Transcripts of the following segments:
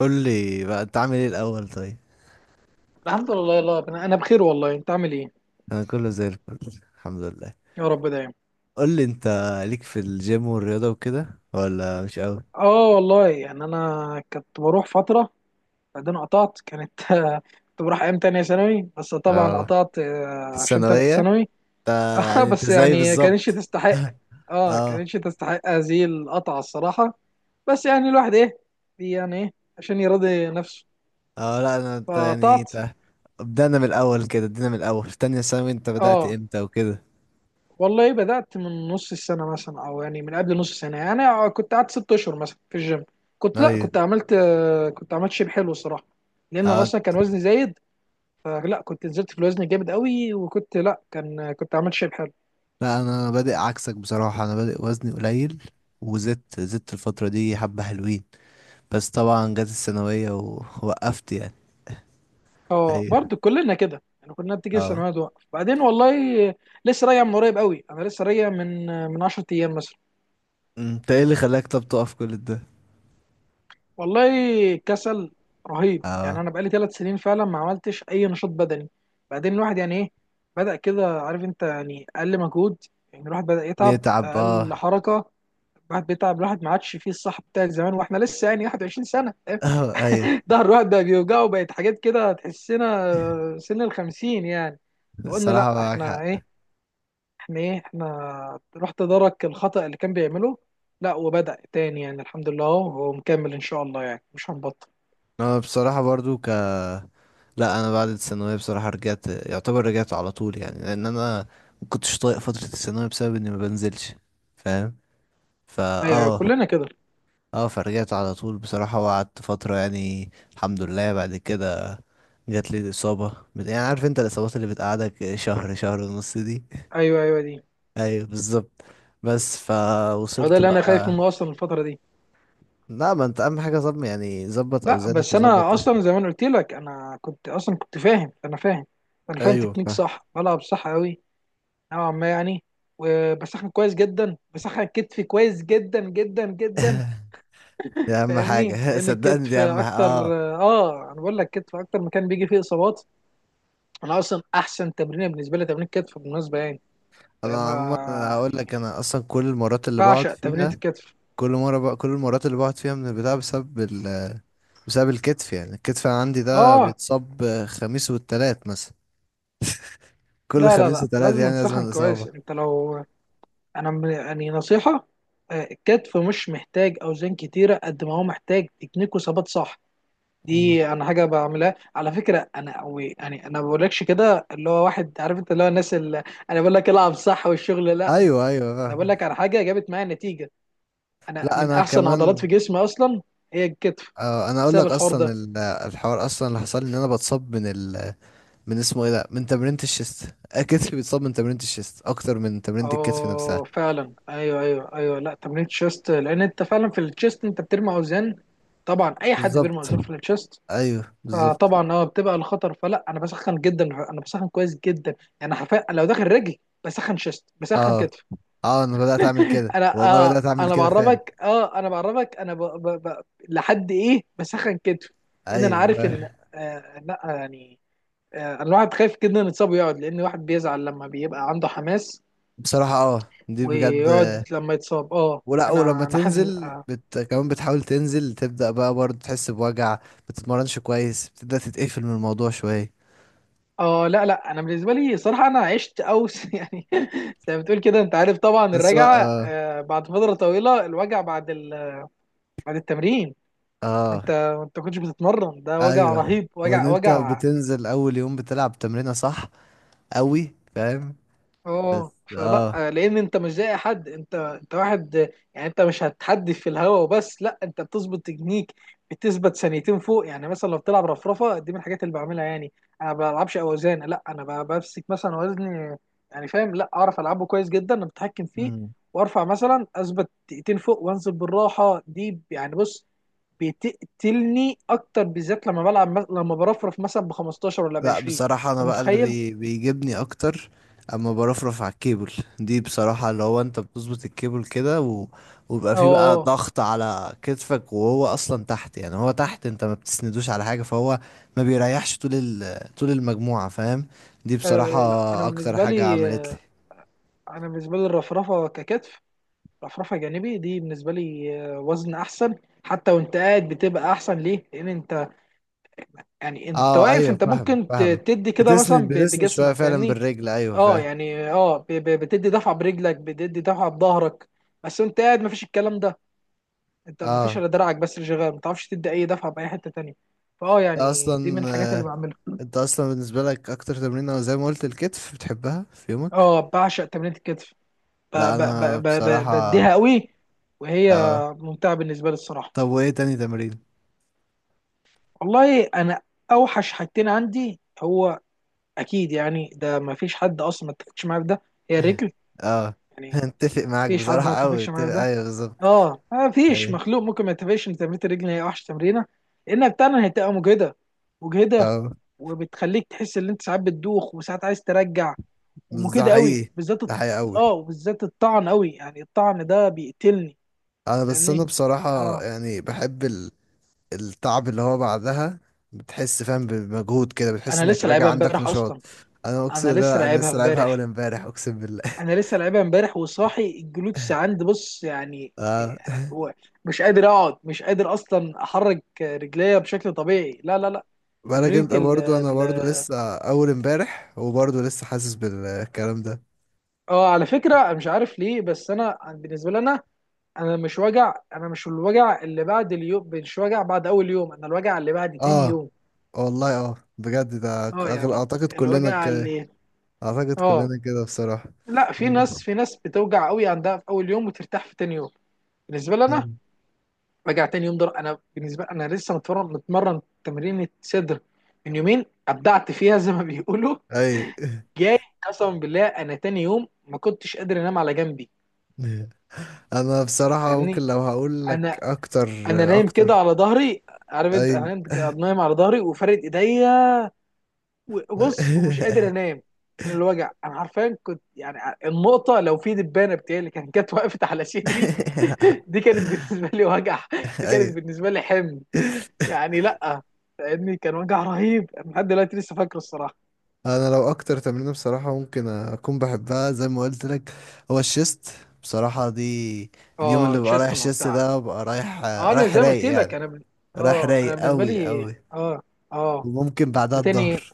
قول لي بقى انت عامل ايه الاول طيب؟ الحمد لله، يلا ربنا، انا بخير والله. انت عامل ايه؟ انا كله زي الفل، الحمد لله. يا رب دايما. قول لي انت، ليك في الجيم والرياضه وكده ولا مش قوي؟ اه والله يعني انا كنت بروح فتره بعدين قطعت كنت بروح ايام تانية ثانوي، بس طبعا اه، قطعت في عشان تالتة الثانويه ثانوي. انت؟ اه يعني انت بس زي يعني كانتش بالظبط. تستحق. اه اه. كانتش تستحق هذه القطعه الصراحه. بس يعني الواحد ايه يعني ايه عشان يرضي نفسه، اه، لا انا، انت يعني فقطعت. انت، بدأنا من الاول كده، ادينا من الاول تانية ثانوي، انت بدأت اه امتى وكده؟ والله بدأت من نص السنة مثلا، أو يعني من قبل نص سنة، يعني أنا كنت قعدت 6 أشهر مثلا في الجيم. كنت لأ ايوه، كنت عملت كنت عملت شيب حلو الصراحة، لأن أنا اه. أصلا كان وزني زايد. فلا كنت نزلت في الوزن جامد قوي، وكنت لأ كان كنت عملت شيب حلو. لا انا بادئ عكسك بصراحه، انا بادئ وزني قليل، وزدت، زدت الفتره دي حبه حلوين، بس طبعا جت الثانويه ووقفت يعني. أه ايوه، برضه كلنا كده، يعني كلنا بتيجي اه. السنوات وقف بعدين والله. لسه راجع من قريب قوي، أنا لسه راجع من 10 أيام مثلا. انت ايه اللي خلاك طب تقف كل ده؟ والله كسل رهيب يعني، اه، انا بقالي 3 سنين فعلا ما عملتش اي نشاط بدني. بعدين الواحد يعني ايه بدأ كده، عارف انت، يعني اقل مجهود، يعني الواحد بدأ يتعب يتعب، اقل اه. حركة. الواحد بيتعب، الواحد ما عادش فيه الصح بتاع زمان، واحنا لسه يعني 21 سنة. اه، ايوه. ظهر الواحد بقى بيوجعه، بقت حاجات كده تحسنا سن الخمسين يعني. فقلنا الصراحة لا معاك احنا حق. ايه احنا ايه احنا راح تدارك الخطأ اللي كان بيعمله. لا وبدأ تاني يعني، الحمد لله هو مكمل ان شاء الله، يعني مش هنبطل. انا بصراحة برضو لا، انا بعد الثانوية بصراحة رجعت، يعتبر رجعت على طول يعني، لان انا ما كنتش طايق فترة الثانوية بسبب اني ما بنزلش، فاهم، فا ايوه، ايوه، اه. كلنا كده. اه، فرجعت على طول بصراحة، وقعدت فترة يعني الحمد لله، بعد كده جات لي الإصابة، يعني عارف انت الإصابات اللي بتقعدك شهر شهر ونص دي. ايوه، ايوه، دي ايوه بالظبط. بس هو ده فوصلت اللي انا خايف بقى. منه اصلا الفتره دي. لا، ما انت اهم حاجه ظبط، يعني ظبط لا اوزانك بس وظبط. انا اصلا زي ما انا قلت لك، انا كنت اصلا كنت فاهم انا فاهم انا فاهم ايوه، تكنيك، فاهم. صح، بلعب صح قوي نوعا ما يعني. وبسخن كويس جدا، بسخن كتفي كويس جدا جدا جدا. دي اهم فاهمني، حاجه لان صدقني، دي الكتف اهم حاجه، اكتر، اه. اه انا بقول لك كتف اكتر مكان بيجي فيه اصابات. انا اصلا احسن تمرين بالنسبه لي تمرين الكتف بالمناسبه يعني. يعني انا عموما، انا ما- هقول لك، يعني انا اصلا كل المرات اللي بقعد بعشق تمرين فيها، الكتف. كل مره بقى كل المرات اللي بقعد فيها من البتاع بسبب الكتف، يعني الكتف عندي ده اه، بيتصاب خميس والتلات مثلا، كل لا لا خميس لا، وتلات لازم يعني لازم نسخن كويس. الاصابه. انت لو انا م- يعني نصيحة: الكتف مش محتاج اوزان كتيرة قد ما هو محتاج تكنيك وثبات صح. مم، دي انا حاجة بعملها على فكرة، انا أو يعني انا ما بقولكش كده اللي هو واحد، عارف انت، اللي هو الناس اللي... انا بقول لك العب صح، والشغل لا. ايوه ايوه، انا بقول فاهم. لك على حاجة جابت معايا نتيجة. انا لا من انا احسن عضلات كمان، في جسمي اصلا هي الكتف انا اقول بسبب لك الحوار اصلا ده. الحوار اصلا اللي حصل لي ان انا بتصاب من اسمه ايه ده، من تمرينة الشيست، كتفي بيتصاب من تمرينة الشيست اكتر من تمرينة الكتف نفسها. اه فعلا، ايوه، ايوه، ايوه، لا تمرين الشيست لان انت فعلا في الشيست انت بترمي اوزان. طبعا اي حد بالظبط، بيرمي اوزان في الشيست، ايوه بالظبط. فطبعا اه بتبقى الخطر. فلا انا بسخن جدا، انا بسخن كويس جدا، يعني حرفيا لو داخل رجل بسخن شيست بسخن اه كتف. اه، انا بدأت اعمل كده انا والله، اه بدأت اعمل انا كده فعلا. بعرفك اه انا بعرفك انا ب... ب... ب... لحد ايه بسخن كتف. ان انا ايوه، عارف ان... لا يعني الواحد خايف جدا يتصاب ويقعد، لان الواحد بيزعل لما بيبقى عنده حماس بصراحة اه، دي بجد، ويقعد لما يتصاب. اه ولا ولما انا حاسس تنزل، كمان بتحاول تنزل، تبدأ بقى برضه تحس بوجع، بتتمرنش كويس، بتبدأ تتقفل من الموضوع شوية، لا لا انا بالنسبه لي صراحه انا عشت اوس يعني، زي ما بتقول كده انت عارف، طبعا بس الرجعه اه. بعد فتره طويله، الوجع بعد ال... بعد التمرين. اه وانت كنتش بتتمرن، ده وجع ايوه، رهيب، وان وجع انت وجع. بتنزل اول يوم بتلعب تمرينة صح قوي، فاهم، اه بس، فلا اه. لان انت مش زي أي حد، انت واحد يعني، انت مش هتحدف في الهواء وبس، لا انت بتظبط تكنيك، بتثبت ثانيتين فوق يعني. مثلا لو بتلعب رفرفه، دي من الحاجات اللي بعملها يعني. انا ما بلعبش اوزان، لا انا بمسك مثلا وزني، يعني فاهم، لا اعرف العبه كويس جدا، انا بتحكم فيه مم، وارفع، مثلا اثبت دقيقتين فوق وانزل بالراحه، دي يعني بص بتقتلني اكتر بالذات لما بلعب لما برفرف مثلا ب 15 ولا ب لا 20. بصراحة، أنا انت بقى اللي متخيل؟ بيجيبني أكتر أما برفرف على الكيبل، دي بصراحة اللي هو أنت بتظبط الكيبل كده، ويبقى فيه بقى اه. ضغط على كتفك، وهو أصلا تحت، يعني هو تحت، أنت ما بتسندوش على حاجة، فهو ما بيريحش طول طول المجموعة، فاهم. دي بصراحة أه لا انا أكتر بالنسبه حاجة لي عملت لي. انا بالنسبه لي الرفرفه ككتف، رفرفه جانبي دي بالنسبه لي وزن احسن. حتى وانت قاعد بتبقى احسن، ليه، لان انت يعني انت اه، واقف، ايوه انت فاهم ممكن ت- فاهم، تدي كده مثلا بتسند ب- بتسند شوية بجسمك فعلا فاهمني. بالرجل، ايوه اه فاهم. يعني اه بتدي دفعه برجلك، بتدي دفعه بظهرك. بس انت قاعد مفيش الكلام ده، انت مفيش اه، الا دراعك بس اللي شغال، ما تعرفش تدي اي دفعه باي حته تانية. فاه ده يعني دي اصلا، من الحاجات اللي بعملها. انت اصلا بالنسبه لك اكتر تمرين زي ما قلت الكتف بتحبها في يومك. اه بعشق تمرينة الكتف، ب- لا، ب- انا ب- ب- ب- بصراحه، بديها قوي، وهي اه. ممتعة بالنسبة لي الصراحة. طب وايه تاني تمرين؟ والله أنا أوحش حاجتين عندي هو أكيد يعني، ده ما فيش حد أصلا ما اتفقش معايا في ده، هي الرجل. اه يعني ما اتفق معاك فيش حد ما بصراحه قوي، اتفقش معايا في اتفق، ده. ايوه بالظبط. أه ما فيش ايوه، مخلوق ممكن ما يتفقش إن تمرينة الرجل هي أوحش تمرينة، لأنها بتاعنا هتبقى مجهدة مجهدة، اه، وبتخليك تحس إن أنت ساعات بتدوخ وساعات عايز ترجع، بس ده ومجهدة قوي حقيقي، بالذات الط- ده حقيقي قوي. أه وبالذات الطعن قوي، يعني الطعن ده بيقتلني انا بس، انا فاهمني. بصراحه اه يعني بحب التعب اللي هو بعدها، بتحس فاهم بمجهود كده، بتحس انا انك لسه راجع لعبها عندك امبارح نشاط. اصلا. انا انا اقسم، لسه لا انا لعبها لسه لعبها امبارح. اول امبارح، اقسم بالله. انا لسه لعبها امبارح وصاحي الجلوتس عندي، بص يعني. اه، يعني هو مش قادر اقعد، مش قادر اصلا احرك رجليا بشكل طبيعي، لا لا لا. بالك تمرينة انت ال برضو، انا برضو ال- لسه اول امبارح، وبرضو لسه حاسس بالكلام ده. اه على فكرة مش عارف ليه، بس انا بالنسبة لي انا مش وجع، انا مش الوجع اللي بعد اليوم، مش وجع بعد اول يوم، انا الوجع اللي بعد تاني اه يوم. والله، اه بجد، ده اه أغل... يعني اعتقد كلنا ك... الوجع اللي... اعتقد اه كلنا كده بصراحة. لا، في اي ناس في ناس بتوجع قوي عندها في اول يوم وترتاح في تاني يوم. بالنسبة لي انا رجع تاني يوم ضرب. انا بالنسبه لي انا لسه متمرن، متمرن تمرين صدر من يومين، ابدعت فيها زي ما بيقولوا اي. جاي. قسما بالله انا تاني يوم ما كنتش قادر انام على جنبي، انا بصراحة ممكن فاهمني. لو هقول لك انا اكتر انا نايم كده اكتر. على ظهري، عارف انت، اي. انا نايم نايم على ظهري وفارد ايديا وبص، ومش قادر انام من الوجع. انا عارفين كنت يعني النقطه، لو في دبانه بتاعي اللي كانت جت وقفت على صدري دي كانت بالنسبه لي وجع، دي كانت اي، بالنسبه لي حمل، يعني لا فاهمني كان وجع رهيب، أنا لحد دلوقتي لسه فاكره الصراحه. انا لو اكتر تمرينه بصراحه ممكن اكون بحبها زي ما قلت لك، هو الشيست، بصراحه دي. اليوم اللي اه ببقى رايح تشيستن شيست وبتاع. ده ببقى رايح، اه انا رايح زي ما قلت رايق لك يعني، رايح اه انا رايق بالنسبه قوي لي قوي. اه وممكن بعدها وتاني، الظهر.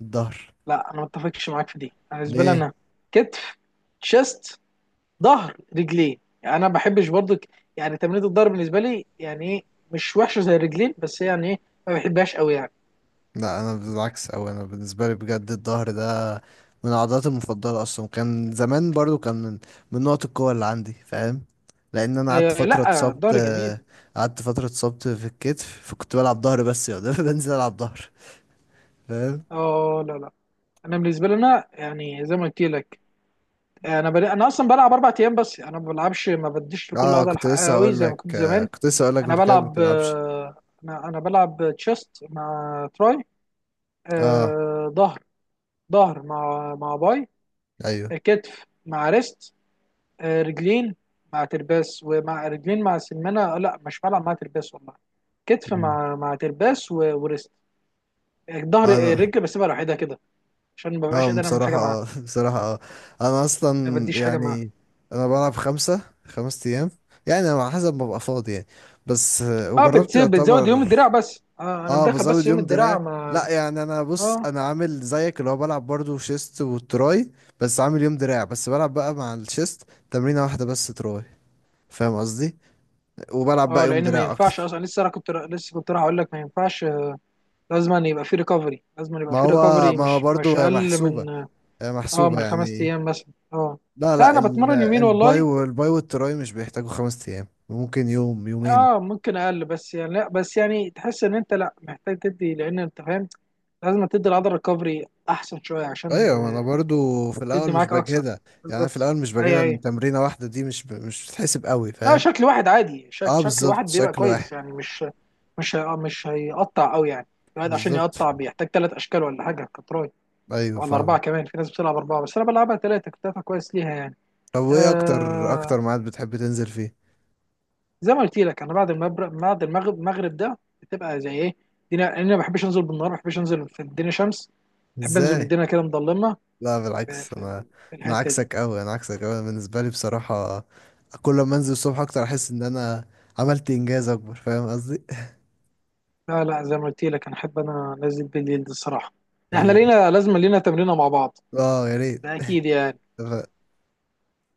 الظهر لا انا ما اتفقش معاك في دي. انا بالنسبه لي ليه؟ انا كتف، تشيست، ظهر، رجلين، يعني انا ما بحبش برضك، يعني تمرينة الظهر بالنسبه لي يعني ايه مش وحشه زي الرجلين، بس يعني ايه ما بحبهاش قوي يعني. لا انا بالعكس، او انا بالنسبه لي بجد الظهر ده من عضلاتي المفضله اصلا، كان زمان برضو كان من نقط القوه اللي عندي، فاهم. لان انا قعدت آه فتره لا اتصبت، الظهر جميل. قعدت فتره اتصبت في الكتف، فكنت بلعب ظهر بس يا دوب بنزل العب ظهر، فاهم. اه لا لا انا بالنسبه لي انا يعني زي ما قلت لك انا اصلا بلعب 4 ايام بس، يعني انا ما بلعبش، ما بديش لكل اه، عضله حقها قوي زي ما كنت زمان. كنت لسه هقول لك انا انت كده ما بلعب بتلعبش. انا بلعب تشيست مع تراي، اه، آه، ظهر ظهر مع باي، ايوه. كتف مع ريست، رجلين مع ترباس ومع رجلين مع سمانه، لا مش بلعب مع ترباس والله. كتف مم. مع ترباس وريست، ظهر. انا الرجل بسيبها لوحدها كده عشان ما ببقاش اه قادر اعمل حاجه بصراحة، معاها، اه بصراحة اه، انا اصلا ما بديش حاجه معاها. يعني انا بلعب خمس ايام، يعني على حسب ما ببقى فاضي يعني، بس، اه وجربت بتزود يوم يعتبر، الدراع بس، انا اه، مدخل بس بزود يوم يوم الدراع دراع. لا ما... يعني انا بص، اه انا عامل زيك اللي هو بلعب برضو شيست وتراي، بس عامل يوم دراع، بس بلعب بقى مع الشيست تمرينة واحدة بس تراي، فاهم قصدي، وبلعب بقى اه يوم لان ما دراع ينفعش اكتر. اصلا، لسه انا كنت لسه كنت راح اقول لك ما ينفعش. لازم أن يبقى في ريكفري، لازم أن يبقى ما في هو ريكفري، ما هو مش برضه هي اقل محسوبة، من هي اه محسوبة من خمس يعني. ايام مثلا. اه لا لا لا، انا بتمرن يومين الباي والله. والباي والتراي مش بيحتاجوا 5 أيام، ممكن يوم يومين. اه ممكن اقل بس يعني، لا بس يعني تحس ان انت لا محتاج تدي، لان انت فاهم لازم تدي العضله ريكفري احسن شويه عشان أيوة، ما أنا برضه في الأول تدي مش معاك اكثر. بجهدها، يعني أنا في بالظبط الأول مش بجهدها، اي إن اي. تمرينة واحدة دي مش بتحسب قوي، لا فاهم. شكل واحد عادي، أه شكل واحد بالظبط، بيبقى شكل واحد، كويس يعني، مش مش هيقطع قوي يعني، الواحد عشان بالظبط، يقطع بيحتاج 3 اشكال ولا حاجه كتراي أيوة ولا اربعه فاهم. كمان، في ناس بتلعب اربعه بس انا بلعبها ثلاثه، كنت دافع كويس ليها يعني. طب وإيه أكتر أكتر آه ميعاد بتحب تنزل فيه؟ زي ما قلت لك انا بعد المغرب، المغرب ده بتبقى زي ايه الدنيا، لأن انا ما بحبش انزل بالنهار، ما بحبش انزل في الدنيا شمس، بحب انزل إزاي؟ الدنيا كده مظلمه لا بالعكس انا في انا الحته دي. عكسك قوي، انا عكسك قوي بالنسبه لي بصراحه. كل ما انزل الصبح اكتر، احس ان انا عملت انجاز اكبر، فاهم قصدي. لا لا زي ما قلت لك انا احب انا انزل بالليل دي الصراحه. احنا ايوه، لينا، لازم لينا تمرينه مع بعض. اه، يا ده ريت. اكيد يعني.